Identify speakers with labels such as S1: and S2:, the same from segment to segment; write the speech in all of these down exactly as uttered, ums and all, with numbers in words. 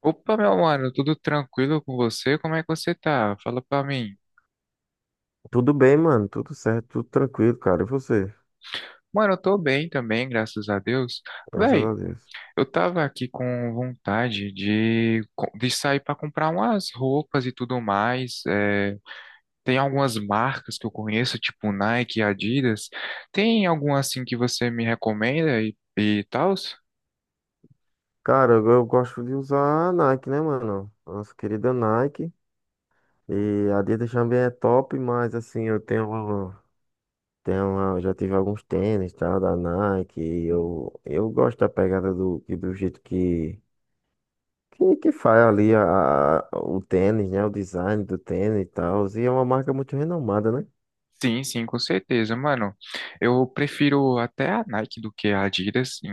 S1: Opa, meu mano, tudo tranquilo com você? Como é que você tá? Fala pra mim.
S2: Tudo bem, mano. Tudo certo, tudo tranquilo, cara. E você?
S1: Mano, eu tô bem também, graças a Deus.
S2: Graças
S1: Véi,
S2: a Deus.
S1: eu tava aqui com vontade de, co- de sair pra comprar umas roupas e tudo mais. É, tem algumas marcas que eu conheço, tipo Nike, Adidas. Tem alguma assim que você me recomenda e, e tal?
S2: Cara, eu, eu gosto de usar a Nike, né, mano? Nossa querida Nike. E a Adidas também é top, mas assim, eu tenho, tenho, já tive alguns tênis, tá, da Nike. E eu, eu gosto da pegada do, e do jeito que, que, que faz ali a, a- o tênis, né? O design do tênis e tal. E é uma marca muito renomada, né?
S1: Sim, sim, com certeza, mano. Eu prefiro até a Nike do que a Adidas em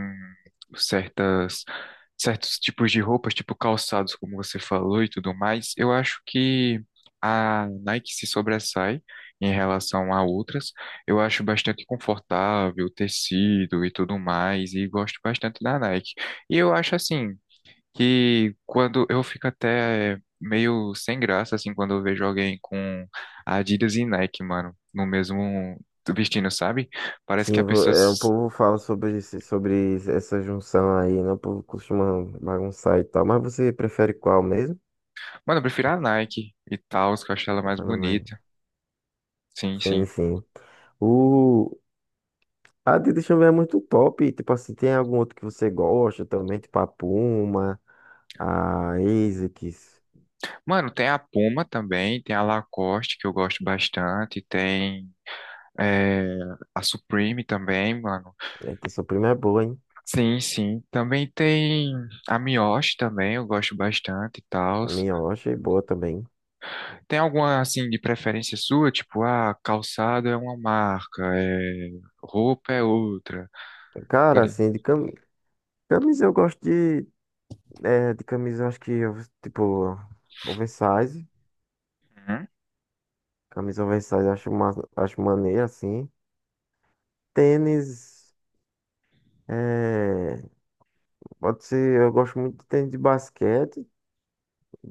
S1: certas, certos tipos de roupas, tipo calçados, como você falou e tudo mais. Eu acho que a Nike se sobressai em relação a outras. Eu acho bastante confortável, tecido e tudo mais, e gosto bastante da Nike. E eu acho assim que quando eu fico até meio sem graça, assim, quando eu vejo alguém com Adidas e Nike, mano, no mesmo vestindo, sabe? Parece que a
S2: Sim, vo-
S1: pessoa.
S2: é, o
S1: s-
S2: povo fala sobre, esse- sobre essa junção aí, né? O povo costuma bagunçar e tal. Mas você prefere qual mesmo?
S1: Mano, eu prefiro a Nike e tal, que eu acho ela
S2: Tô
S1: mais
S2: falando
S1: bonita.
S2: aí.
S1: Sim,
S2: Sim,
S1: sim.
S2: sim. O... A Tita Chamber é muito top. Tipo assim, tem algum outro que você gosta também? Tipo a Puma, a ASICS.
S1: Mano, tem a Puma também, tem a Lacoste, que eu gosto bastante, tem. é, a Supreme também, mano.
S2: Eita, sua prima é boa, hein?
S1: Sim, sim. Também tem a Miyoshi também, eu gosto bastante e tal.
S2: A minha eu achei boa também.
S1: Tem alguma assim de preferência sua? Tipo, ah, calçado é uma marca, é... Roupa é outra. Tá
S2: Cara,
S1: Ali.
S2: assim, de cam... camisa eu gosto de... É, de camisa eu acho que, eu- tipo, oversize.
S1: Uhum.
S2: Camisa oversize, eu acho, ma- acho maneiro, assim. Tênis, é, pode ser, eu gosto muito de tênis de basquete,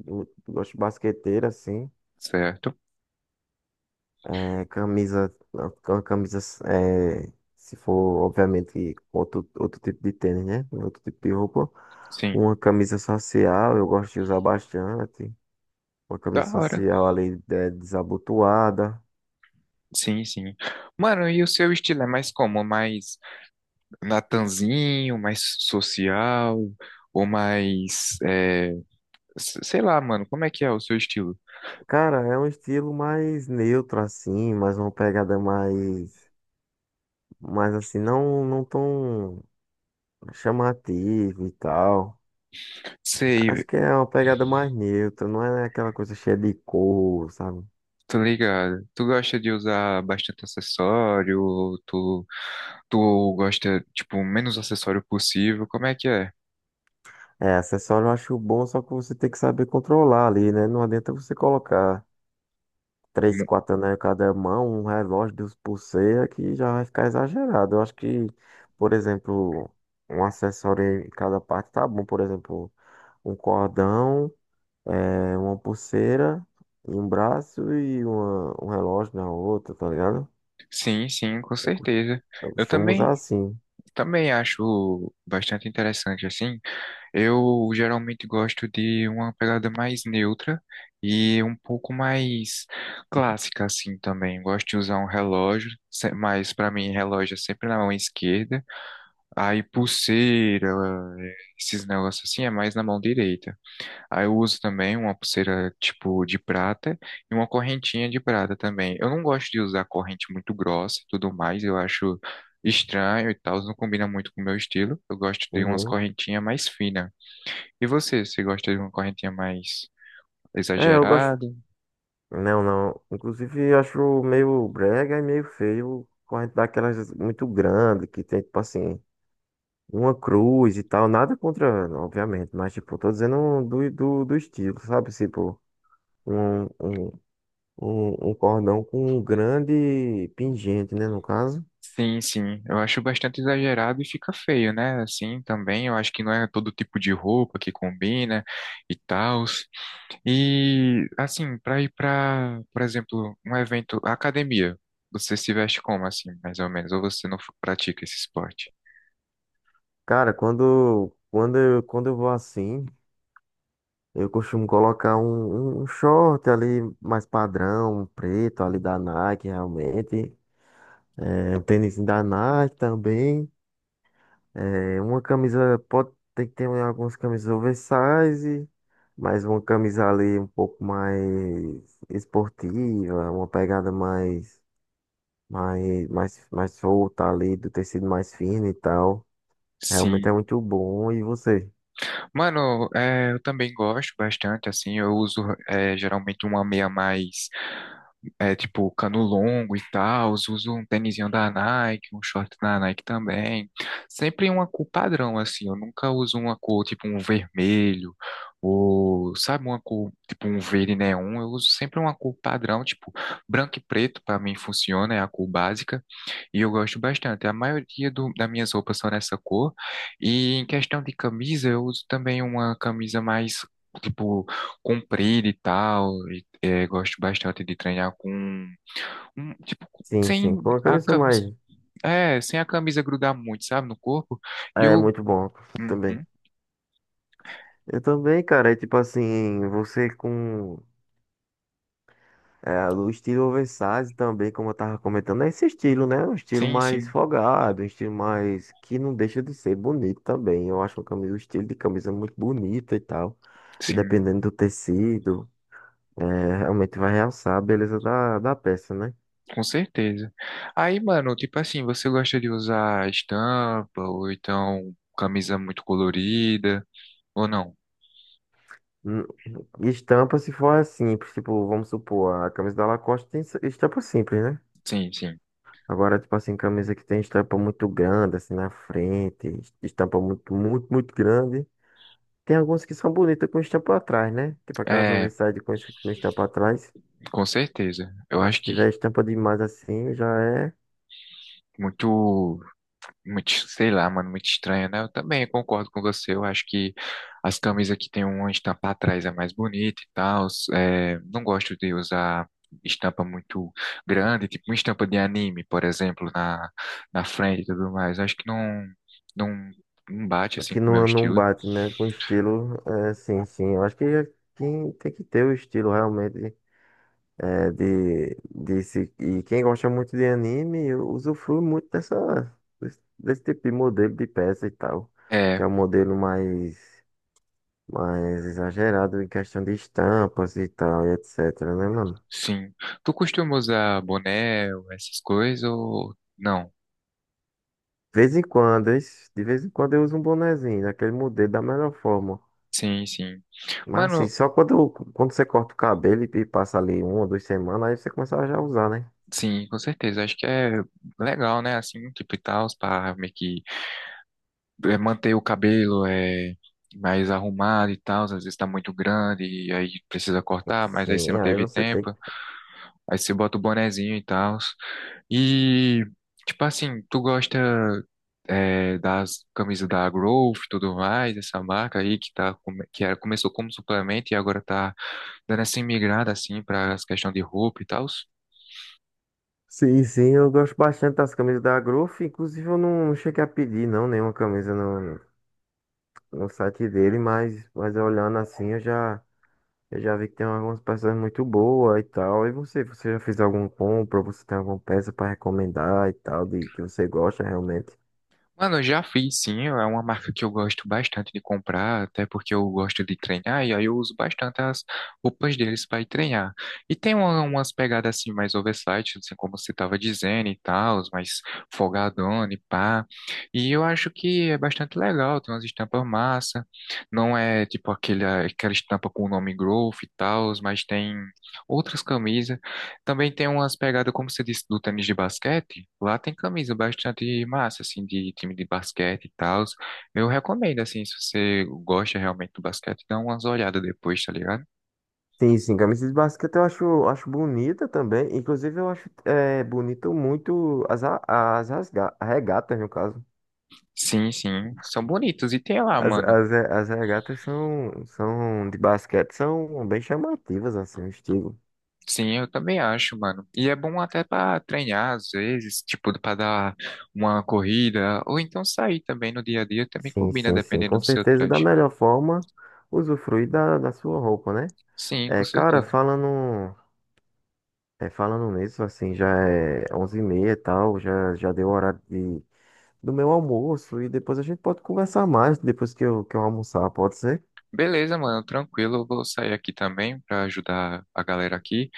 S2: eu gosto de basqueteira, assim.
S1: Certo.
S2: É, camisa, uma camisa, é, se for, obviamente, outro, outro tipo de tênis, né? Outro tipo de roupa.
S1: Sim.
S2: Uma camisa social, eu gosto de usar bastante. Uma
S1: Da
S2: camisa
S1: hora.
S2: social ali é, desabotoada.
S1: Sim, sim. Mano, e o seu estilo é mais como? Mais natanzinho, mais social, ou mais, é, s- sei lá, mano, como é que é o seu estilo?
S2: Cara, é um estilo mais neutro, assim, mais uma pegada mais. Mas assim, não, não tão chamativo e tal.
S1: Sei,
S2: Acho que é uma pegada mais neutra, não é aquela coisa cheia de cor, sabe?
S1: tô ligado. Tu gosta de usar bastante acessório, ou tu, tu gosta, tipo, o menos acessório possível, como é que é?
S2: É, acessório eu acho bom, só que você tem que saber controlar ali, né? Não adianta você colocar três, quatro anéis em cada mão, um relógio, duas pulseiras, que já vai ficar exagerado. Eu acho que, por exemplo, um acessório em cada parte tá bom. Por exemplo, um cordão. É uma pulseira em um braço e uma, um relógio na outra, tá ligado?
S1: Sim, sim, com certeza.
S2: Eu
S1: Eu
S2: costumo
S1: também,
S2: usar assim.
S1: também acho bastante interessante assim. Eu geralmente gosto de uma pegada mais neutra e um pouco mais clássica assim também. Gosto de usar um relógio, se- mas para mim relógio é sempre na mão esquerda. Aí pulseira, eh, esses negócios assim é mais na mão direita. Aí eu uso também uma pulseira tipo de prata e uma correntinha de prata também. Eu não gosto de usar corrente muito grossa e tudo mais, eu acho estranho e tal, não combina muito com o meu estilo. Eu gosto de umas
S2: Uhum.
S1: correntinhas mais finas. E você, você gosta de uma correntinha mais
S2: É, eu gosto.
S1: exagerada?
S2: Não, não. Inclusive, eu acho meio brega e meio feio corrente daquelas muito grande que tem, tipo assim, uma cruz e tal. Nada contra, obviamente, mas, tipo, tô dizendo do, do, do estilo, sabe? Tipo, um, um, um um cordão com um grande pingente, né? No caso.
S1: Sim, sim, eu acho bastante exagerado e fica feio, né? Assim também, eu acho que não é todo tipo de roupa que combina e tal. E assim, para ir para, por exemplo, um evento, academia, você se veste como assim, mais ou menos? Ou você não f- pratica esse esporte?
S2: Cara, quando, quando, eu- quando eu vou assim. Eu costumo colocar um, um um short ali mais padrão, um preto ali da Nike, realmente. É, um tênis da Nike também. É, uma camisa, pode ter que ter algumas camisas oversize, mas uma camisa ali um pouco mais esportiva, uma pegada mais, mais, mais, mais solta ali, do tecido mais fino e tal. Realmente
S1: Sim.
S2: é muito bom. E você?
S1: Mano, é, eu também gosto bastante, assim, eu uso é, geralmente uma meia mais, é, tipo, cano longo e tal, uso um tênisinho da Nike, um short da Nike também. Sempre uma cor padrão, assim, eu nunca uso uma cor, tipo, um vermelho, ou, sabe, uma cor, tipo, um verde neon, eu uso sempre uma cor padrão, tipo, branco e preto, pra mim funciona, é a cor básica, e eu gosto bastante. A maioria do, das minhas roupas são nessa cor, e em questão de camisa, eu uso também uma camisa mais, tipo, comprida e tal. E, é, gosto bastante de treinar com um, tipo
S2: Sim,
S1: sem
S2: sim, com a
S1: a
S2: camisa
S1: camisa,
S2: mais.
S1: é, sem a camisa grudar muito, sabe, no corpo. E
S2: É
S1: eu,
S2: muito bom também.
S1: uhum,
S2: Eu também, cara. É tipo assim, você com é, o estilo oversize também, como eu tava comentando, é esse estilo, né? Um estilo
S1: sim,
S2: mais
S1: sim,
S2: folgado, um estilo mais que não deixa de ser bonito também. Eu acho uma camisa, o estilo de camisa muito bonita e tal. E
S1: sim,
S2: dependendo do tecido, é, realmente vai realçar a beleza da, da peça, né?
S1: com certeza. Aí, mano, tipo assim, você gosta de usar estampa ou então camisa muito colorida ou não?
S2: Hum. Estampa se for simples, tipo, vamos supor, a camisa da Lacoste tem estampa simples, né?
S1: Sim, sim.
S2: Agora, tipo assim, camisa que tem estampa muito grande, assim, na frente, estampa muito, muito, muito grande. Tem algumas que são bonitas com estampa atrás, né? Tipo aquelas
S1: É,
S2: oversize com, es- com estampa atrás.
S1: com certeza. Eu
S2: Mas
S1: acho
S2: se
S1: que
S2: tiver estampa demais assim, já é
S1: muito Muito, sei lá, mano, muito estranho, né? Eu também concordo com você. Eu acho que as camisas que tem uma estampa atrás é mais bonita e tal. É, não gosto de usar estampa muito grande, tipo uma estampa de anime, por exemplo, na, na frente e tudo mais. Acho que não, não, não bate assim
S2: que
S1: com o meu
S2: não, não
S1: estilo.
S2: bate, né? Com estilo, é, sim, sim. Eu acho que quem tem que ter o estilo realmente é, de, de se, e quem gosta muito de anime usufrui muito dessa, desse desse tipo de modelo de peça e tal, que
S1: É,
S2: é um modelo mais mais exagerado em questão de estampas e tal, e etc, né, mano?
S1: sim. Tu costuma usar boné, ou essas coisas ou não?
S2: De vez em quando, es- de vez em quando eu uso um bonezinho, daquele modelo da melhor forma.
S1: Sim, sim.
S2: Mas assim,
S1: Mano,
S2: só quando, quando você corta o cabelo e e passa ali uma ou duas semanas, aí você começa a já usar, né?
S1: sim, com certeza. Acho que é legal, né? Assim, um tipo e tal, para meio que é, manter o cabelo, é, mais arrumado e tal. Às vezes tá muito grande e aí precisa cortar, mas aí você não
S2: Sim, aí
S1: teve
S2: você tem. Que-
S1: tempo. Aí você bota o bonezinho e tal. E, tipo assim, tu gosta, é, das camisas da Growth e tudo mais, essa marca aí que, tá, come- que era, começou como suplemento e agora tá dando essa migrada, assim, para as questões de roupa e tal?
S2: Sim, sim, eu gosto bastante das camisas da Growth. Inclusive, eu não, não cheguei a pedir, não, nenhuma camisa no, no site dele, mas, mas olhando assim, eu já. Eu já vi que tem algumas peças muito boas e tal. E você, você já fez alguma compra? Você tem alguma peça para recomendar e tal, de que você gosta realmente?
S1: Mano, eu já fiz sim, é uma marca que eu gosto bastante de comprar, até porque eu gosto de treinar, e aí eu uso bastante as roupas deles para ir treinar. E tem uma- umas pegadas assim mais oversight, assim como você estava dizendo e tal, mais folgadona e pá. E eu acho que é bastante legal, tem umas estampas massa, não é tipo aquele, aquela estampa com o nome Growth e tal, mas tem outras camisas. Também tem umas pegadas, como você disse, do tênis de basquete. Lá tem camisa bastante massa, assim, de time de basquete e tal. Eu recomendo, assim, se você gosta realmente do basquete, dá umas olhadas depois, tá ligado?
S2: Sim, sim, camisas de basquete eu acho, acho bonita também. Inclusive, eu acho é, bonito muito as, a- as rasga- regatas, no caso.
S1: Sim, sim. São bonitos. E tem lá,
S2: As,
S1: mano.
S2: as, re- as regatas são, são de basquete, são bem chamativas, assim, o estilo.
S1: Sim, eu também acho, mano. E é bom até pra treinar, às vezes, tipo, pra dar uma corrida. Ou então sair também no dia a dia, também
S2: Sim,
S1: combina,
S2: sim, sim.
S1: dependendo
S2: Com
S1: do seu
S2: certeza, da
S1: traje.
S2: melhor forma, usufruir da, da sua roupa, né?
S1: Sim, com
S2: É, cara,
S1: certeza.
S2: falando. É, falando nisso, assim, já é onze e meia e tal, já, já deu o horário de, do meu almoço e depois a gente pode conversar mais, depois que eu, que eu almoçar, pode ser?
S1: Beleza, mano, tranquilo. Eu vou sair aqui também pra ajudar a galera aqui.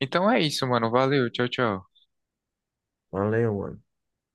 S1: Então é isso, mano. Valeu. Tchau, tchau.
S2: Valeu, mano.